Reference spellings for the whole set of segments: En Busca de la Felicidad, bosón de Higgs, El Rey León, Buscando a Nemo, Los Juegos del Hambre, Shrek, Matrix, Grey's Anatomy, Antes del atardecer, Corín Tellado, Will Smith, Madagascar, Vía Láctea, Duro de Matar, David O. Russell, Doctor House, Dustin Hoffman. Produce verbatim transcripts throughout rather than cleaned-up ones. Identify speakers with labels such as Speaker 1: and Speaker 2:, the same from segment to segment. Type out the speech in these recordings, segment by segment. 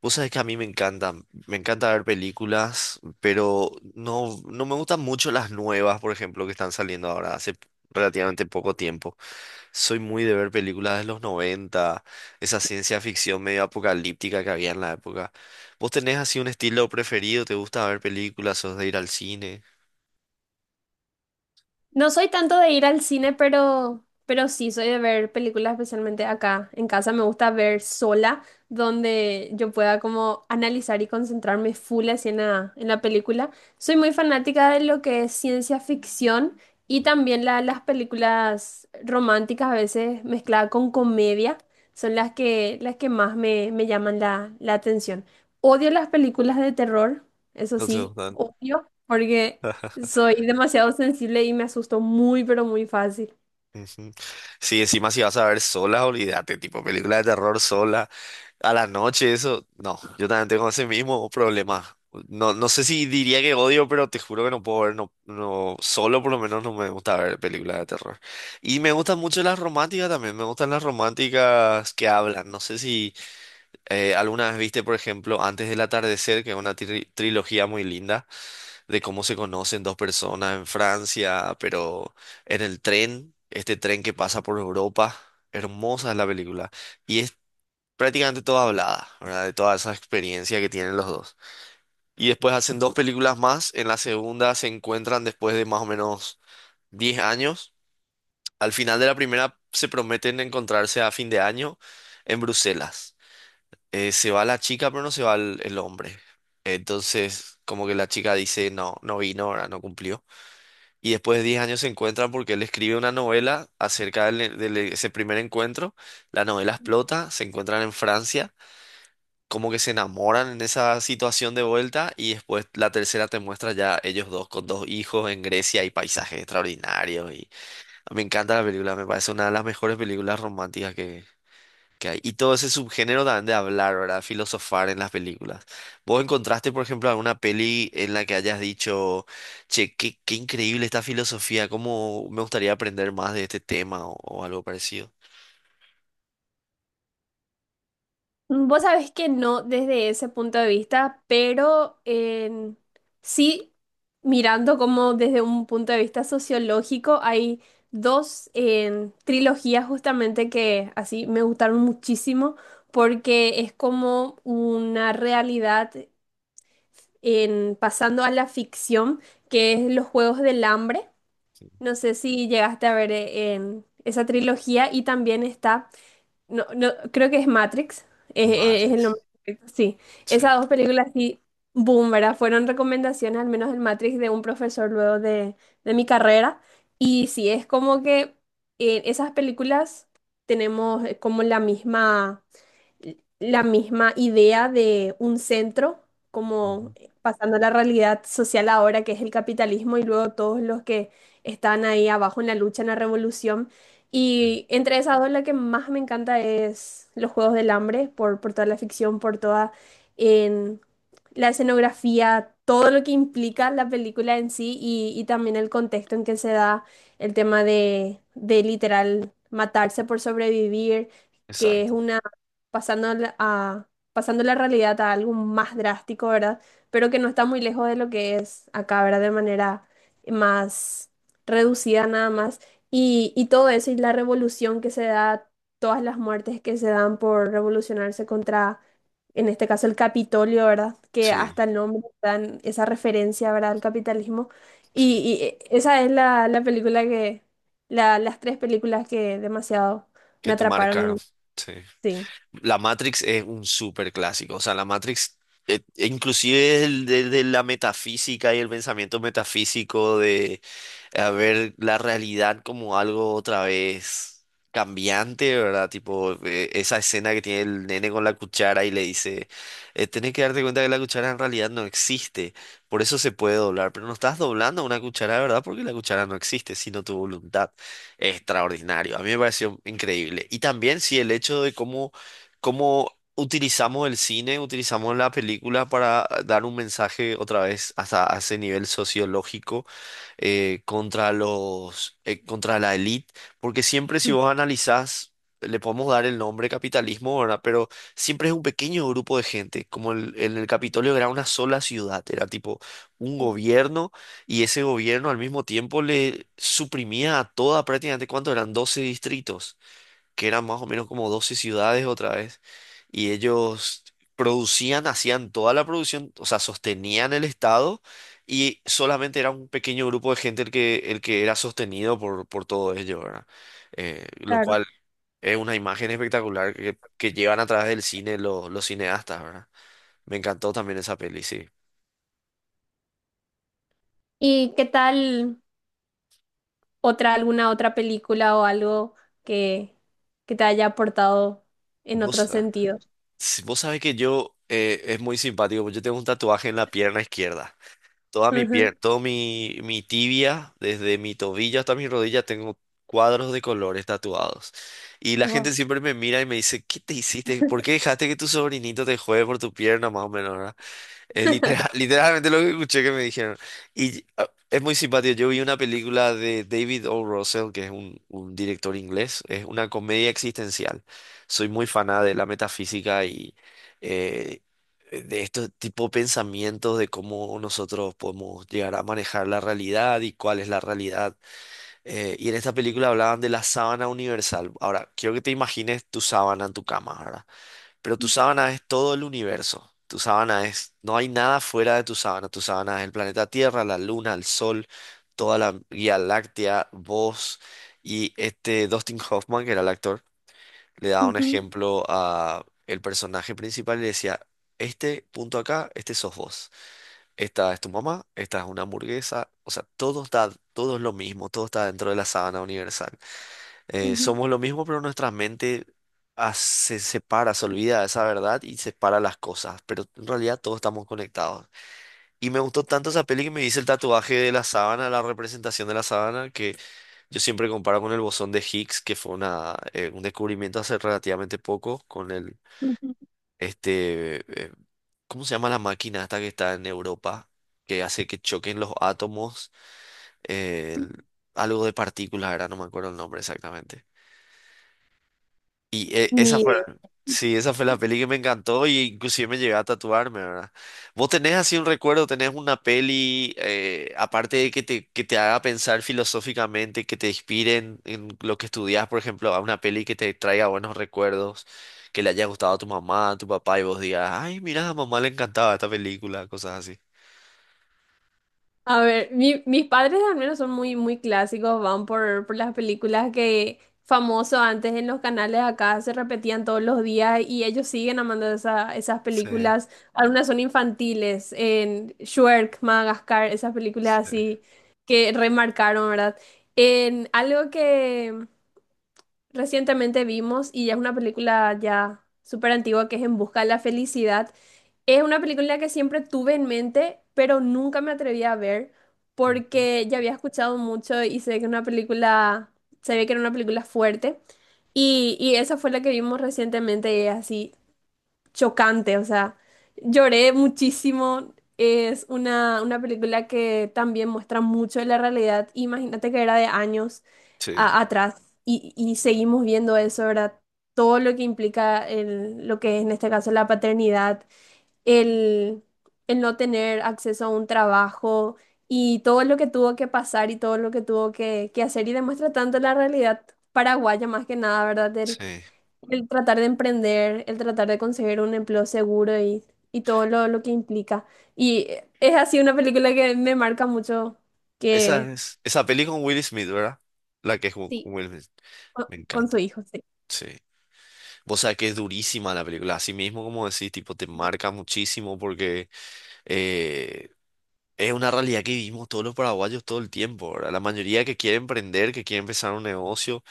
Speaker 1: Vos sabés que a mí me encantan, me encanta ver películas, pero no, no me gustan mucho las nuevas, por ejemplo, que están saliendo ahora hace relativamente poco tiempo. Soy muy de ver películas de los noventa, esa ciencia ficción medio apocalíptica que había en la época. ¿Vos tenés así un estilo preferido? ¿Te gusta ver películas? ¿Sos de ir al cine?
Speaker 2: No soy tanto de ir al cine, pero, pero sí soy de ver películas, especialmente acá en casa. Me gusta ver sola, donde yo pueda como analizar y concentrarme full así en la, en la película. Soy muy fanática de lo que es ciencia ficción y también la- las películas románticas, a veces mezcladas con comedia, son las que, las que más me, me llaman la, la atención. Odio las películas de terror, eso
Speaker 1: No te
Speaker 2: sí,
Speaker 1: gustan.
Speaker 2: odio, porque... Soy demasiado sensible y me asusto muy, pero muy fácil.
Speaker 1: Ujú. Sí, encima si vas a ver sola, olvídate, tipo película de terror sola. A la noche, eso, no, yo también tengo ese mismo problema. No, no sé si diría que odio, pero te juro que no puedo ver, no, no, solo por lo menos no me gusta ver películas de terror. Y me gustan mucho las románticas también, me gustan las románticas que hablan. No sé si eh, alguna vez viste, por ejemplo, Antes del Atardecer, que es una tri- trilogía muy linda de cómo se conocen dos personas en Francia, pero en el tren, este tren que pasa por Europa. Hermosa es la película. Y prácticamente toda hablada, ¿verdad? De toda esa experiencia que tienen los dos. Y después hacen dos películas más. En la segunda se encuentran después de más o menos diez años. Al final de la primera se prometen encontrarse a fin de año en Bruselas. Eh, se va la chica, pero no se va el, el hombre. Entonces, como que la chica dice, no, no vino, ahora no cumplió. Y después de diez años se encuentran porque él escribe una novela acerca del- de ese primer encuentro. La novela explota, se encuentran en Francia como que se enamoran en esa situación de vuelta y después la tercera te muestra ya ellos dos con dos hijos en Grecia y paisajes extraordinarios y ah, me encanta la película, me parece una de las mejores películas románticas que, que hay. Y todo ese subgénero también de hablar, ¿verdad? Filosofar en las películas. ¿Vos encontraste, por ejemplo, alguna peli en la que hayas dicho, che, qué, qué increíble esta filosofía, cómo me gustaría aprender más de este tema o, o algo parecido?
Speaker 2: Vos sabés que no desde ese punto de vista, pero en- sí mirando como desde un punto de vista sociológico, hay dos en, trilogías justamente que así me gustaron muchísimo porque es como una realidad en pasando a la ficción, que es Los Juegos del Hambre. No sé si llegaste a ver eh, en esa trilogía y también está... No, no, creo que es Matrix, es, es- es el nombre
Speaker 1: Matrix.
Speaker 2: correcto, sí.
Speaker 1: Sí.
Speaker 2: Esas dos películas sí, boom, ¿verdad? Fueron recomendaciones, al menos el Matrix, de un profesor luego de, de mi carrera. Y sí, es como que en esas películas tenemos eh, como la misma la misma idea de un centro, como
Speaker 1: Ujú,
Speaker 2: pasando a la realidad social ahora, que es el capitalismo, y luego todos los que están ahí abajo en la lucha, en la revolución.
Speaker 1: sí.
Speaker 2: Y entre esas dos, la que más me encanta es Los Juegos del Hambre, por, por toda la ficción, por toda en la escenografía, todo lo que implica la película en sí y, y también el contexto en que se da el tema de, de literal matarse por sobrevivir, que es
Speaker 1: Exacto,
Speaker 2: una pasando la- a, pasando la realidad a algo más drástico, ¿verdad? Pero que no está muy lejos de lo que es acá, ¿verdad? De manera más reducida nada más. Y, y todo eso y la revolución que se da, todas las muertes que se dan por revolucionarse contra, en este caso, el Capitolio, ¿verdad? Que
Speaker 1: sí,
Speaker 2: hasta el nombre dan esa referencia, ¿verdad? Al capitalismo. Y,
Speaker 1: sí.
Speaker 2: y, eh, esa es la, la película que, la- las tres películas que demasiado me
Speaker 1: Que te
Speaker 2: atraparon y
Speaker 1: marcaron. Sí.
Speaker 2: sí.
Speaker 1: La Matrix es un súper clásico. O sea, la Matrix, eh, inclusive el de, de la metafísica y el pensamiento metafísico de, a ver la realidad como algo otra vez cambiante, ¿verdad? Tipo, eh, esa escena que tiene el nene con la cuchara y le dice, eh, tenés que darte cuenta que la cuchara en realidad no existe, por eso se puede doblar, pero no estás doblando una cuchara de verdad porque la cuchara no existe, sino tu voluntad. Extraordinario, a mí me pareció increíble. Y también, sí, el hecho de cómo, cómo utilizamos el cine, utilizamos la película para dar un mensaje otra vez hasta a ese nivel sociológico, eh, contra los, eh, contra la élite, porque siempre si vos analizás, le podemos dar el nombre capitalismo, ¿verdad? Pero siempre es un pequeño grupo de gente, como el- en el Capitolio era una sola ciudad, era tipo un gobierno y ese gobierno al mismo tiempo le suprimía a toda prácticamente, ¿cuánto eran? Doce distritos que eran más o menos como doce ciudades otra vez, y ellos producían, hacían toda la producción, o sea, sostenían el Estado, y solamente era un pequeño grupo de gente el que, el que era sostenido por, por todo ello, ¿verdad? Eh, lo
Speaker 2: Claro.
Speaker 1: cual es una imagen espectacular que, que llevan a través del cine los, los cineastas, ¿verdad? Me encantó también esa peli, sí.
Speaker 2: ¿Y qué tal otra, alguna otra película o algo que, que te haya aportado en otro
Speaker 1: Vos, ah,
Speaker 2: sentido?
Speaker 1: si vos sabés que yo, eh, es muy simpático, porque yo tengo un tatuaje en la pierna izquierda. Toda mi
Speaker 2: Ujú.
Speaker 1: pierna, todo mi, mi tibia, desde mi tobillo hasta mi rodilla, tengo cuadros de colores tatuados. Y la gente
Speaker 2: Wow.
Speaker 1: siempre me mira y me dice, ¿qué te hiciste? ¿Por qué dejaste que tu sobrinito te juegue por tu pierna, más o menos, ¿verdad? Es litera- literalmente lo que escuché que me dijeron. Y ah, es muy simpático. Yo vi una película de David O. Russell, que es un, un director inglés. Es una comedia existencial. Soy muy faná de la metafísica y eh, de estos tipo de pensamientos de cómo nosotros podemos llegar a manejar la realidad y cuál es la realidad. Eh, y en esta película hablaban de la sábana universal. Ahora, quiero que te imagines tu sábana en tu cama, ¿verdad? Pero tu sábana es todo el universo. Tu sábana es, no hay nada fuera de tu sábana. Tu sábana es el planeta Tierra, la Luna, el Sol, toda la Vía Láctea, vos. Y este Dustin Hoffman, que era el actor, le daba un
Speaker 2: Ujú,
Speaker 1: ejemplo a el personaje principal y le decía, este punto acá, este sos vos. Esta es tu mamá, esta es una hamburguesa. O sea, todo está, todo es lo mismo, todo está dentro de la sábana universal. Eh,
Speaker 2: ujú,
Speaker 1: somos lo mismo, pero nuestra mente as- se separa, se olvida de esa verdad y separa las cosas. Pero en realidad todos estamos conectados. Y me gustó tanto esa peli que me hice el tatuaje de la sábana, la representación de la sábana, que yo siempre comparo con el bosón de Higgs, que fue una, eh, un descubrimiento hace relativamente poco con el,
Speaker 2: ujú.
Speaker 1: este, eh, ¿cómo se llama la máquina esta que está en Europa? Que hace que choquen los átomos, eh,
Speaker 2: Ujú.
Speaker 1: el- algo de partículas, ahora no me acuerdo el nombre exactamente. Y eh,
Speaker 2: Ni
Speaker 1: esa fue,
Speaker 2: idea.
Speaker 1: sí, esa fue la peli que me encantó y inclusive me llegué a tatuarme, ¿verdad? ¿Vos tenés así un recuerdo, tenés una peli, eh, aparte de que te, que te haga pensar filosóficamente, que te inspire en, en lo que estudias, por ejemplo, a una peli que te traiga buenos recuerdos, que le haya gustado a tu mamá, a tu papá y vos digas, ay, mira, a mamá le encantaba esta película, cosas así.
Speaker 2: A ver, mi- mis padres al menos son muy, muy clásicos, van por, por las películas que famoso antes en los canales acá se repetían todos los días y ellos siguen amando esa- esas
Speaker 1: Sí,
Speaker 2: películas. Algunas son infantiles, en Shrek, Madagascar, esas películas
Speaker 1: sí.
Speaker 2: así que remarcaron, ¿verdad? En algo que recientemente vimos y ya es una película ya súper antigua que es En Busca de la Felicidad. Es una película que siempre tuve en mente, pero nunca me atreví a ver
Speaker 1: Ujú.
Speaker 2: porque ya había escuchado mucho y sé que una película, se ve que era una película fuerte. Y, y esa fue la que vimos recientemente y es así chocante, o sea, lloré muchísimo. Es una, una película que también muestra mucho de la realidad. Imagínate que era de años
Speaker 1: Sí,
Speaker 2: a- atrás y, y seguimos viendo eso, ¿verdad? Todo lo que implica el- lo que es en este caso la paternidad el, el no tener acceso a un trabajo y todo lo que tuvo que pasar y todo lo que tuvo que, que hacer y demuestra tanto la realidad paraguaya más que nada, ¿verdad? El,
Speaker 1: sí.
Speaker 2: el tratar de emprender, el tratar de conseguir un empleo seguro y, y todo lo, lo que implica. Y es así una película que me marca mucho
Speaker 1: Esa
Speaker 2: que
Speaker 1: es, esa peli con Will Smith, ¿verdad? La que es con
Speaker 2: sí.
Speaker 1: con Will Smith.
Speaker 2: con,
Speaker 1: Me
Speaker 2: con su
Speaker 1: encanta.
Speaker 2: hijo, sí.
Speaker 1: Sí. Vos sabés que es durísima la película, así mismo como decís, tipo, te marca muchísimo porque eh, es una realidad que vivimos todos los paraguayos todo el tiempo, ¿verdad? La mayoría que quiere emprender, que quiere empezar un negocio,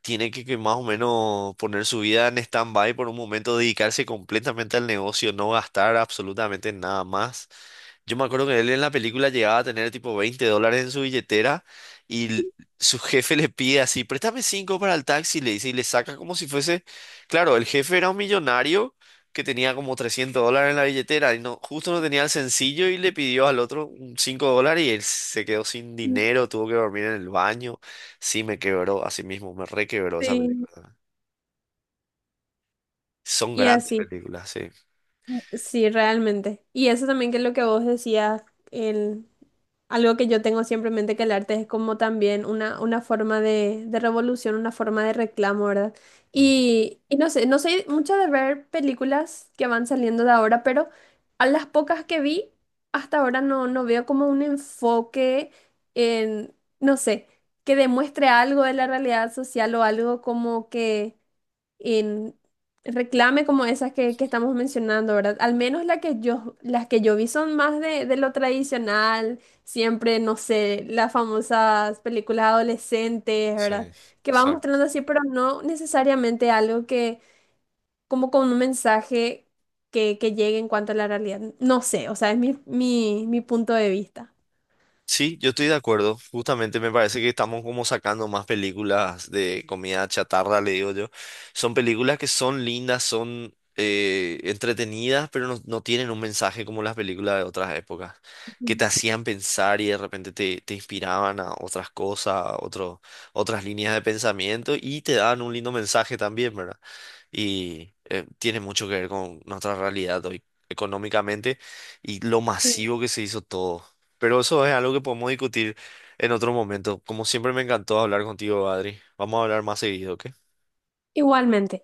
Speaker 1: tiene que, que más o menos poner su vida en stand-by por un momento, dedicarse completamente al negocio, no gastar absolutamente nada más. Yo me acuerdo que él en la película llegaba a tener tipo veinte dólares en su billetera y l- su jefe le pide así, préstame cinco para el taxi, le dice y le saca como si fuese, claro, el jefe era un millonario que tenía como trescientos dólares en la billetera y no, justo no tenía el sencillo y le pidió al otro un cinco dólares y él se quedó sin
Speaker 2: Sí.
Speaker 1: dinero, tuvo que dormir en el baño. Sí, me quebró, así mismo, me requebró esa
Speaker 2: Sí,
Speaker 1: película. Son
Speaker 2: y
Speaker 1: grandes
Speaker 2: así.
Speaker 1: películas, sí.
Speaker 2: Sí, realmente. Y eso también que es lo que vos decías, el, algo que yo tengo siempre en mente que el arte es como también una, una forma de, de revolución, una forma de reclamo, ¿verdad?
Speaker 1: Mm,
Speaker 2: Y, y no sé, no sé mucho de ver películas que van saliendo de ahora, pero a las pocas que vi, hasta ahora no, no veo como un enfoque en, no sé, que demuestre algo de la realidad social o algo como que en reclame como esas que, que estamos mencionando, ¿verdad? Al menos la que yo, las que yo vi son más de, de lo tradicional, siempre, no sé, las famosas películas adolescentes, ¿verdad?
Speaker 1: sí,
Speaker 2: Que van
Speaker 1: exacto.
Speaker 2: mostrando así, pero no necesariamente algo que, como con un mensaje que, que llegue en cuanto a la realidad. No sé, o sea, es mi, mi, mi punto de vista.
Speaker 1: Sí, yo estoy de acuerdo. Justamente me parece que estamos como sacando más películas de comida chatarra, le digo yo. Son películas que son lindas, son eh, entretenidas, pero no, no tienen un mensaje como las películas de otras épocas, que te hacían pensar y de repente te, te inspiraban a otras cosas, a otro- otras líneas de pensamiento y te daban un lindo mensaje también, ¿verdad? Y eh, tiene mucho que ver con nuestra realidad hoy económicamente y lo
Speaker 2: Ujú.
Speaker 1: masivo que se hizo todo. Pero eso es algo que podemos discutir en otro momento. Como siempre me encantó hablar contigo, Adri. Vamos a hablar más seguido, ¿ok?
Speaker 2: Igualmente.